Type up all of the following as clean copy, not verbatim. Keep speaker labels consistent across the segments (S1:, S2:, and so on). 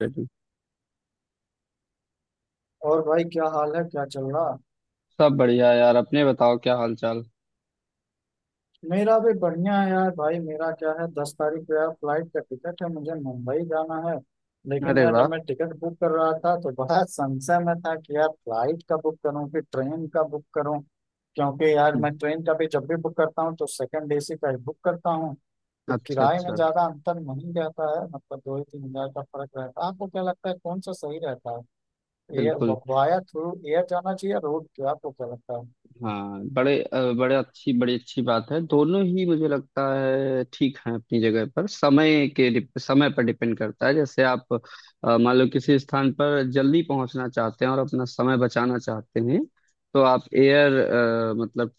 S1: ready।
S2: और भाई क्या हाल है क्या चल रहा।
S1: सब बढ़िया, यार। अपने बताओ, क्या हाल चाल।
S2: मेरा भी बढ़िया है यार। भाई मेरा क्या है 10 तारीख को यार फ्लाइट का टिकट है, मुझे मुंबई जाना है। लेकिन
S1: अरे
S2: यार जब
S1: वाह।
S2: मैं टिकट बुक कर रहा था तो बड़ा संशय में था कि यार फ्लाइट का बुक करूं कि ट्रेन का बुक करूं। क्योंकि यार
S1: हम्म।
S2: मैं ट्रेन का भी जब भी बुक करता हूँ तो सेकंड एसी का ही बुक करता हूँ, तो
S1: अच्छा,
S2: किराए में
S1: अच्छा।
S2: ज्यादा अंतर नहीं रहता है। मतलब 2 ही 3 हज़ार का फर्क रहता है। आपको क्या लगता है कौन सा सही रहता है, एयर
S1: बिल्कुल।
S2: वाया थ्रू एयर जाना चाहिए या रोड, क्या आपको क्या लगता है।
S1: हाँ, बड़े अ, बड़े अच्छी बड़ी अच्छी बात है। दोनों ही मुझे लगता है ठीक है, अपनी जगह पर। समय पर डिपेंड करता है। जैसे आप मान लो किसी स्थान पर जल्दी पहुंचना चाहते हैं और अपना समय बचाना चाहते हैं, तो आप एयर मतलब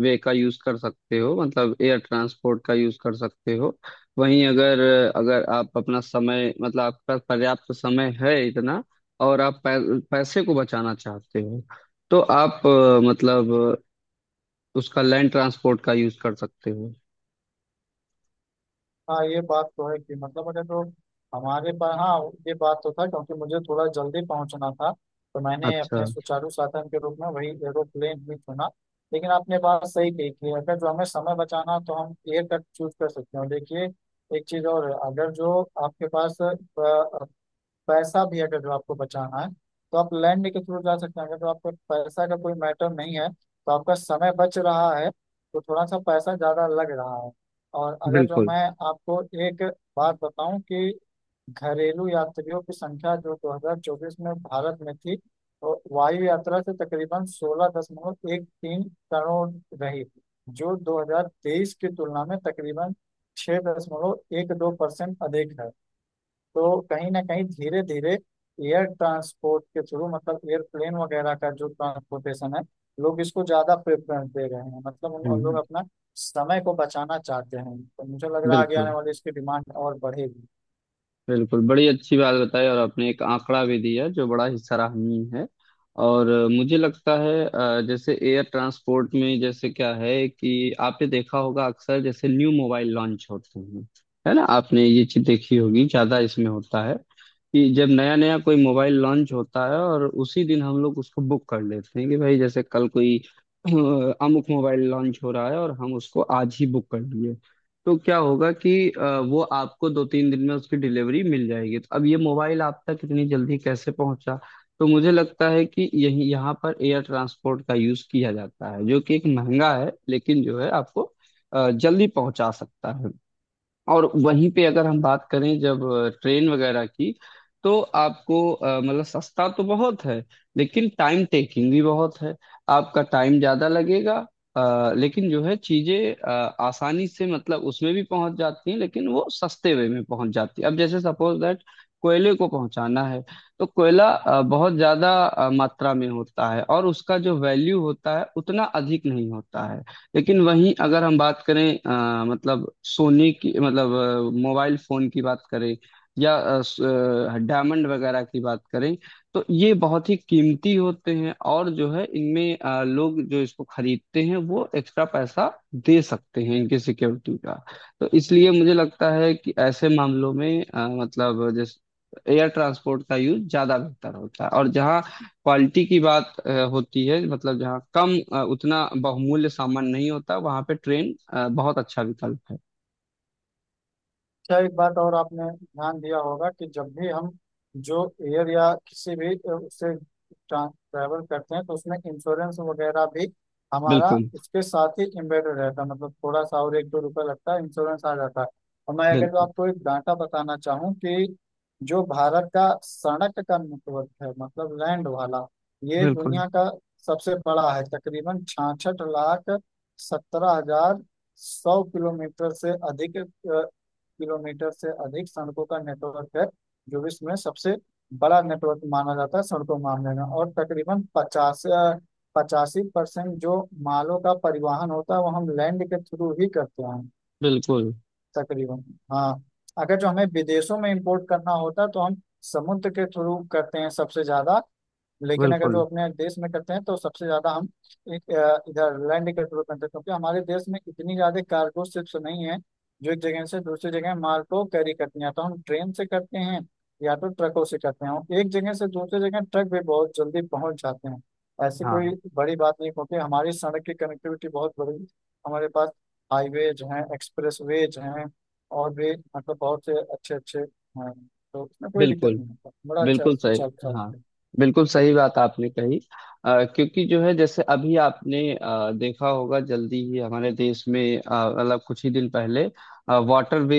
S1: वे का यूज कर सकते हो, मतलब एयर ट्रांसपोर्ट का यूज कर सकते हो। वहीं अगर अगर आप अपना समय मतलब आपका पर्याप्त समय है इतना, और आप पैसे को बचाना चाहते हो, तो आप मतलब उसका लैंड ट्रांसपोर्ट का यूज कर सकते हो।
S2: हाँ ये बात तो है कि मतलब अगर तो हमारे पास, हाँ ये बात तो था क्योंकि मुझे थोड़ा जल्दी पहुंचना था, तो मैंने
S1: अच्छा।
S2: अपने सुचारू साधन के रूप में वही एरोप्लेन ही चुना। लेकिन आपने बात सही कही कि अगर जो हमें समय बचाना हो, तो हम एयर कट चूज कर सकते हैं। और देखिए एक चीज और, अगर जो आपके पास पैसा भी अगर जो आपको बचाना है तो आप लैंड के थ्रू जा सकते हैं। अगर जो आपका पैसा का कोई मैटर नहीं है तो आपका समय बच रहा है, तो थोड़ा सा पैसा ज़्यादा लग रहा है। और अगर जो
S1: बिल्कुल।
S2: मैं आपको एक बात बताऊं कि घरेलू यात्रियों की संख्या जो 2024 में भारत में थी, वो वायु यात्रा से तकरीबन 16.13 करोड़ रही, जो 2023 की तुलना में तकरीबन 6.12% अधिक है। तो कहीं ना कहीं धीरे धीरे एयर ट्रांसपोर्ट के थ्रू मतलब एयरप्लेन वगैरह का जो ट्रांसपोर्टेशन है, लोग इसको ज्यादा प्रेफरेंस दे रहे हैं। मतलब उन लोग
S1: हम्म।
S2: अपना समय को बचाना चाहते हैं, तो मुझे लग रहा है आगे आने
S1: बिल्कुल,
S2: वाली इसकी डिमांड और बढ़ेगी।
S1: बिल्कुल, बड़ी अच्छी बात बताई। और आपने एक आंकड़ा भी दिया, जो बड़ा ही सराहनीय है। और मुझे लगता है, जैसे एयर ट्रांसपोर्ट में, जैसे क्या है कि आपने देखा होगा, अक्सर जैसे न्यू मोबाइल लॉन्च होते हैं, है ना। आपने ये चीज देखी होगी, ज्यादा इसमें होता है कि जब नया नया कोई मोबाइल लॉन्च होता है और उसी दिन हम लोग उसको बुक कर लेते हैं, कि भाई जैसे कल कोई अ, अमुक मोबाइल लॉन्च हो रहा है और हम उसको आज ही बुक कर लिए। तो क्या होगा कि वो आपको 2-3 दिन में उसकी डिलीवरी मिल जाएगी। तो अब ये मोबाइल आप तक इतनी जल्दी कैसे पहुंचा? तो मुझे लगता है कि यही यहाँ पर एयर ट्रांसपोर्ट का यूज किया जाता है, जो कि एक महंगा है, लेकिन जो है आपको जल्दी पहुंचा सकता है। और वहीं पे अगर हम बात करें जब ट्रेन वगैरह की, तो आपको मतलब सस्ता तो बहुत है, लेकिन टाइम टेकिंग भी बहुत है, आपका टाइम ज्यादा लगेगा। लेकिन जो है चीजें आसानी से मतलब उसमें भी पहुंच जाती हैं, लेकिन वो सस्ते वे में पहुंच जाती है। अब जैसे सपोज दैट कोयले को पहुंचाना है, तो कोयला बहुत ज्यादा मात्रा में होता है, और उसका जो वैल्यू होता है उतना अधिक नहीं होता है। लेकिन वहीं अगर हम बात करें मतलब सोने की, मतलब मोबाइल फोन की बात करें, या डायमंड वगैरह की बात करें, तो ये बहुत ही कीमती होते हैं। और जो है इनमें लोग जो इसको खरीदते हैं वो एक्स्ट्रा पैसा दे सकते हैं इनकी सिक्योरिटी का। तो इसलिए मुझे लगता है कि ऐसे मामलों में मतलब जैसे एयर ट्रांसपोर्ट का यूज ज्यादा बेहतर होता है, और जहाँ क्वालिटी की बात होती है, मतलब जहाँ कम उतना बहुमूल्य सामान नहीं होता, वहाँ पे ट्रेन बहुत अच्छा विकल्प है।
S2: क्या एक बात और आपने ध्यान दिया होगा कि जब भी हम जो एयर या किसी भी उससे ट्रैवल करते हैं तो उसमें इंश्योरेंस वगैरह भी हमारा
S1: बिल्कुल,
S2: उसके साथ ही एम्बेडेड रहता है। मतलब थोड़ा सा और एक दो रुपये लगता है इंश्योरेंस आ जाता है। और मैं अगर तो
S1: बिल्कुल,
S2: आपको एक डाटा बताना चाहूँ कि जो भारत का सड़क का नेटवर्क है मतलब लैंड वाला, ये
S1: बिल्कुल,
S2: दुनिया का सबसे बड़ा है। तकरीबन 66,17,100 किलोमीटर से अधिक, किलोमीटर से अधिक सड़कों का नेटवर्क है जो विश्व में सबसे बड़ा नेटवर्क माना जाता है सड़कों मामले में। और तकरीबन 50 85% जो मालों का परिवहन होता है वो हम लैंड के थ्रू ही करते हैं।
S1: बिल्कुल,
S2: तकरीबन हाँ, अगर जो हमें विदेशों में इंपोर्ट करना होता है तो हम समुद्र के थ्रू करते हैं सबसे ज्यादा। लेकिन अगर
S1: बिल्कुल।
S2: जो अपने देश में करते हैं तो सबसे ज्यादा हम एक इधर लैंड के थ्रू करते हैं, क्योंकि हमारे देश में इतनी ज्यादा कार्गो शिप्स नहीं है जो एक जगह से दूसरी जगह माल को कैरी करती हैं। तो हम ट्रेन से करते हैं या तो ट्रकों से करते हैं, और एक जगह से दूसरी जगह ट्रक भी बहुत जल्दी पहुंच जाते हैं। ऐसी कोई
S1: हाँ,
S2: बड़ी बात नहीं, क्योंकि हमारी सड़क की कनेक्टिविटी बहुत बड़ी, हमारे पास हाईवेज हैं एक्सप्रेसवेज हैं और भी मतलब बहुत से अच्छे अच्छे हैं। तो उसमें कोई दिक्कत
S1: बिल्कुल,
S2: नहीं होता, बड़ा अच्छा
S1: बिल्कुल सही।
S2: सुचारू साथ
S1: हाँ,
S2: है।
S1: बिल्कुल सही बात आपने कही। क्योंकि जो है जैसे अभी आपने देखा होगा जल्दी ही हमारे देश में मतलब कुछ ही दिन पहले वाटरवे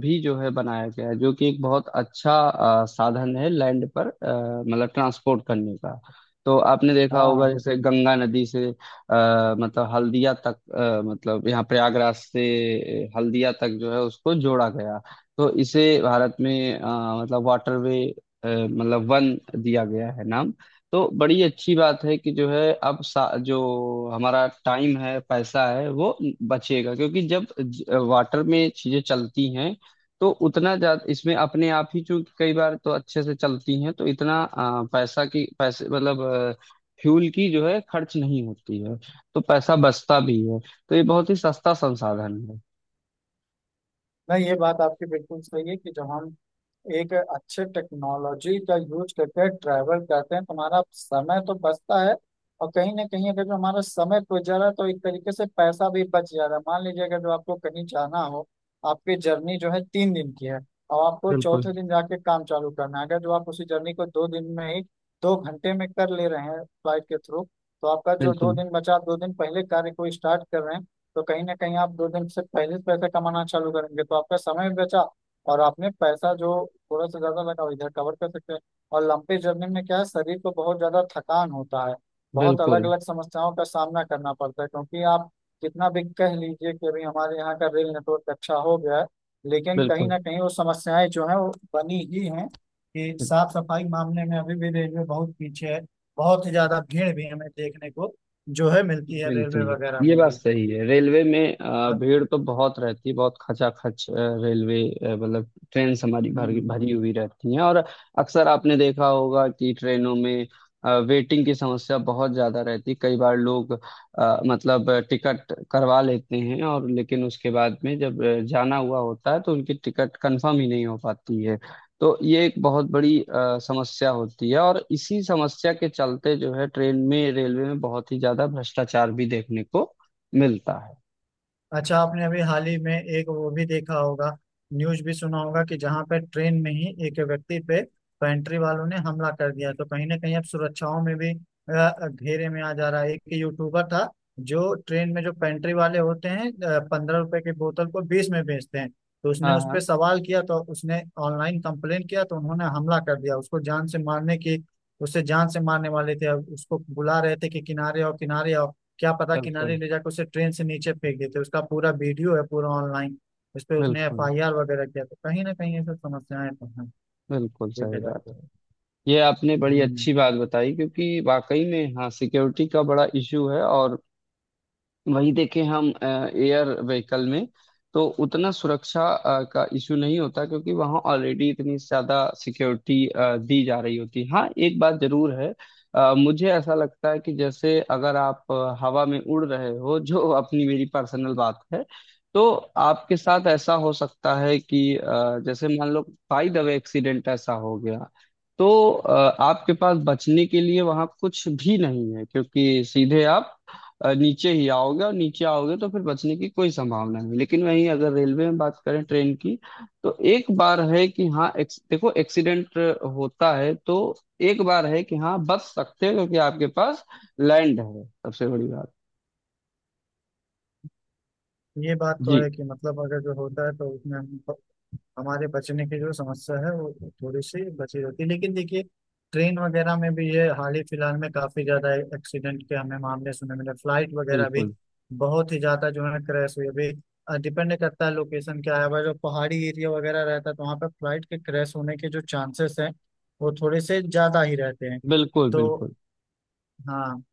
S1: भी जो है बनाया गया है, जो कि एक बहुत अच्छा साधन है लैंड पर, मतलब ट्रांसपोर्ट करने का। तो आपने देखा होगा
S2: हाँ।
S1: जैसे गंगा नदी से मतलब हल्दिया तक, मतलब यहाँ प्रयागराज से हल्दिया तक जो है उसको जोड़ा गया। तो इसे भारत में मतलब वाटरवे मतलब वन दिया गया है नाम। तो बड़ी अच्छी बात है कि जो है अब जो हमारा टाइम है पैसा है वो बचेगा, क्योंकि जब वाटर में चीजें चलती हैं तो उतना ज्यादा इसमें अपने आप ही, चूंकि कई बार तो अच्छे से चलती हैं, तो इतना पैसा की पैसे मतलब फ्यूल की जो है खर्च नहीं होती है। तो पैसा बचता भी है, तो ये बहुत ही सस्ता संसाधन है।
S2: नहीं ये बात आपकी बिल्कुल सही है कि जब हम एक अच्छे टेक्नोलॉजी का यूज करके ट्रैवल करते हैं तुम्हारा समय तो बचता है। और कहीं ना कहीं अगर जो हमारा समय बच जा रहा है तो एक तरीके से पैसा भी बच जा रहा है। मान लीजिए अगर जो आपको कहीं जाना हो, आपकी जर्नी जो है 3 दिन की है और आपको
S1: बिल्कुल,
S2: चौथे दिन जाके काम चालू करना है, अगर जो आप उसी जर्नी को 2 दिन में ही, 2 घंटे में कर ले रहे हैं फ्लाइट के थ्रू, तो आपका जो दो
S1: बिल्कुल,
S2: दिन बचा आप दो दिन पहले कार्य को स्टार्ट कर रहे हैं। तो कहीं ना कहीं आप दो दिन से पहले पैसे कमाना चालू करेंगे, तो आपका समय भी बचा और आपने पैसा जो थोड़ा सा ज्यादा लगा वो इधर कवर कर सकते हैं। और लंबी जर्नी में क्या है शरीर को बहुत ज्यादा थकान होता है, बहुत अलग
S1: बिल्कुल,
S2: अलग समस्याओं का सामना करना पड़ता है। क्योंकि आप कितना भी कह लीजिए कि अभी हमारे यहाँ का रेल नेटवर्क अच्छा हो गया है, लेकिन कहीं
S1: बिल्कुल,
S2: ना कहीं वो समस्याएं जो है वो बनी ही हैं कि साफ सफाई मामले में अभी भी रेलवे बहुत पीछे है। बहुत ही ज्यादा भीड़ भी हमें देखने को जो है मिलती है
S1: बिल्कुल।
S2: रेलवे वगैरह
S1: ये
S2: में
S1: बात
S2: भी।
S1: सही है, रेलवे में भीड़ तो बहुत रहती है, बहुत खचाखच रेलवे मतलब ट्रेन हमारी भरी
S2: हम्म,
S1: भरी हुई रहती हैं। और अक्सर आपने देखा होगा कि ट्रेनों में वेटिंग की समस्या बहुत ज्यादा रहती है, कई बार लोग मतलब टिकट करवा लेते हैं, और लेकिन उसके बाद में जब जाना हुआ होता है तो उनकी टिकट कंफर्म ही नहीं हो पाती है। तो ये एक बहुत बड़ी समस्या होती है, और इसी समस्या के चलते जो है ट्रेन में रेलवे में बहुत ही ज्यादा भ्रष्टाचार भी देखने को मिलता है।
S2: अच्छा आपने अभी हाल ही में एक वो भी देखा होगा, न्यूज भी सुना होगा कि जहां पर ट्रेन में ही एक व्यक्ति पे पेंट्री वालों ने हमला कर दिया। तो कहीं ना कहीं अब सुरक्षाओं में भी घेरे में आ जा रहा है। एक यूट्यूबर था, जो ट्रेन में जो पेंट्री वाले होते हैं 15 रुपए की बोतल को 20 में बेचते हैं, तो उसने
S1: हाँ,
S2: उस पर
S1: हाँ।
S2: सवाल किया, तो उसने ऑनलाइन कंप्लेन किया तो उन्होंने हमला कर दिया उसको जान से मारने की, उससे जान से मारने वाले थे। अब उसको बुला रहे थे कि किनारे आओ किनारे आओ, क्या पता
S1: बिल्कुल।
S2: किनारे ले जाकर उसे ट्रेन से नीचे फेंक देते। उसका पूरा वीडियो है पूरा ऑनलाइन, उस पर उसने एफ
S1: बिल्कुल
S2: आई आर वगैरह किया। तो कहीं ना कहीं ये सब समस्याएं तो हैं
S1: बिल्कुल
S2: देखा
S1: सही
S2: जाए
S1: बात
S2: तो।
S1: है। ये आपने बड़ी
S2: हम्म
S1: अच्छी बात बताई, क्योंकि वाकई में हाँ, सिक्योरिटी का बड़ा इशू है। और वही देखें हम एयर व्हीकल में, तो उतना सुरक्षा का इशू नहीं होता, क्योंकि वहाँ ऑलरेडी इतनी ज्यादा सिक्योरिटी दी जा रही होती है। हाँ, एक बात जरूर है, मुझे ऐसा लगता है कि जैसे अगर आप हवा में उड़ रहे हो, जो अपनी मेरी पर्सनल बात है, तो आपके साथ ऐसा हो सकता है कि जैसे मान लो बाय द वे एक्सीडेंट ऐसा हो गया, तो आपके पास बचने के लिए वहाँ कुछ भी नहीं है, क्योंकि सीधे आप नीचे ही आओगे, और नीचे आओगे तो फिर बचने की कोई संभावना नहीं। लेकिन वहीं अगर रेलवे में बात करें ट्रेन की, तो एक बार है कि हाँ, देखो एक्सीडेंट होता है, तो एक बार है कि हाँ बच सकते हो, क्योंकि आपके पास लैंड है, सबसे बड़ी बात।
S2: ये बात तो
S1: जी।
S2: है कि मतलब अगर जो होता है तो उसमें हम, हमारे बचने की जो समस्या है वो थोड़ी सी बची रहती है। लेकिन देखिए ट्रेन वगैरह में भी ये हाल ही फिलहाल में काफी ज्यादा एक्सीडेंट के हमें मामले सुनने मिले, फ्लाइट वगैरह भी
S1: बिल्कुल,
S2: बहुत ही ज्यादा जो है क्रैश हुई अभी। डिपेंड करता है लोकेशन क्या है, अगर जो पहाड़ी एरिया वगैरह रहता है तो वहाँ पर फ्लाइट के क्रैश होने के जो चांसेस हैं वो थोड़े से ज्यादा ही रहते हैं।
S1: बिल्कुल,
S2: तो
S1: बिल्कुल।
S2: हाँ।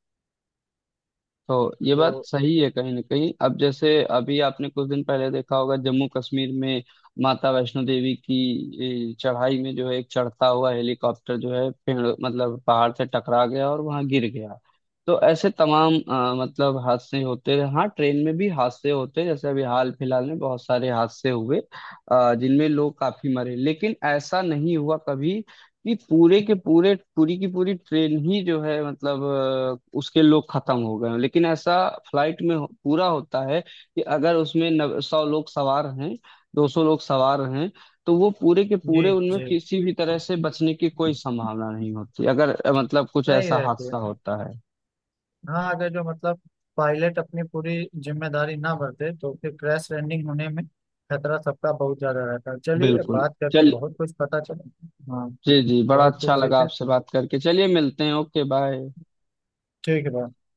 S1: तो ये
S2: तो
S1: बात सही है, कहीं ना कहीं। अब जैसे अभी आपने कुछ दिन पहले देखा होगा जम्मू कश्मीर में माता वैष्णो देवी की चढ़ाई में जो है एक चढ़ता हुआ हेलीकॉप्टर जो है पेड़ मतलब पहाड़ से टकरा गया और वहां गिर गया। तो ऐसे तमाम मतलब हादसे होते रहे। हाँ, ट्रेन में भी हादसे होते हैं, जैसे अभी हाल फिलहाल में बहुत सारे हादसे हुए, जिनमें लोग काफी मरे। लेकिन ऐसा नहीं हुआ कभी नहीं पूरे के पूरे, पूरी की पूरी ट्रेन ही जो है मतलब उसके लोग खत्म हो गए हैं। लेकिन ऐसा फ्लाइट में पूरा होता है, कि अगर उसमें 100 लोग सवार हैं, 200 लोग सवार हैं, तो वो पूरे के
S2: जी
S1: पूरे उनमें
S2: जी,
S1: किसी भी तरह से बचने की कोई संभावना नहीं होती, अगर मतलब कुछ
S2: नहीं
S1: ऐसा
S2: रहते।
S1: हादसा होता है।
S2: हाँ अगर जो मतलब पायलट अपनी पूरी जिम्मेदारी ना बरते तो फिर क्रैश लैंडिंग होने में खतरा सबका बहुत ज्यादा रहता है। चलिए
S1: बिल्कुल।
S2: बात करके
S1: चल।
S2: बहुत कुछ पता चला, हाँ
S1: जी, जी, बड़ा
S2: बहुत कुछ
S1: अच्छा लगा
S2: सीखे।
S1: आपसे बात करके। चलिए मिलते हैं। Okay, bye.
S2: ठीक है bye।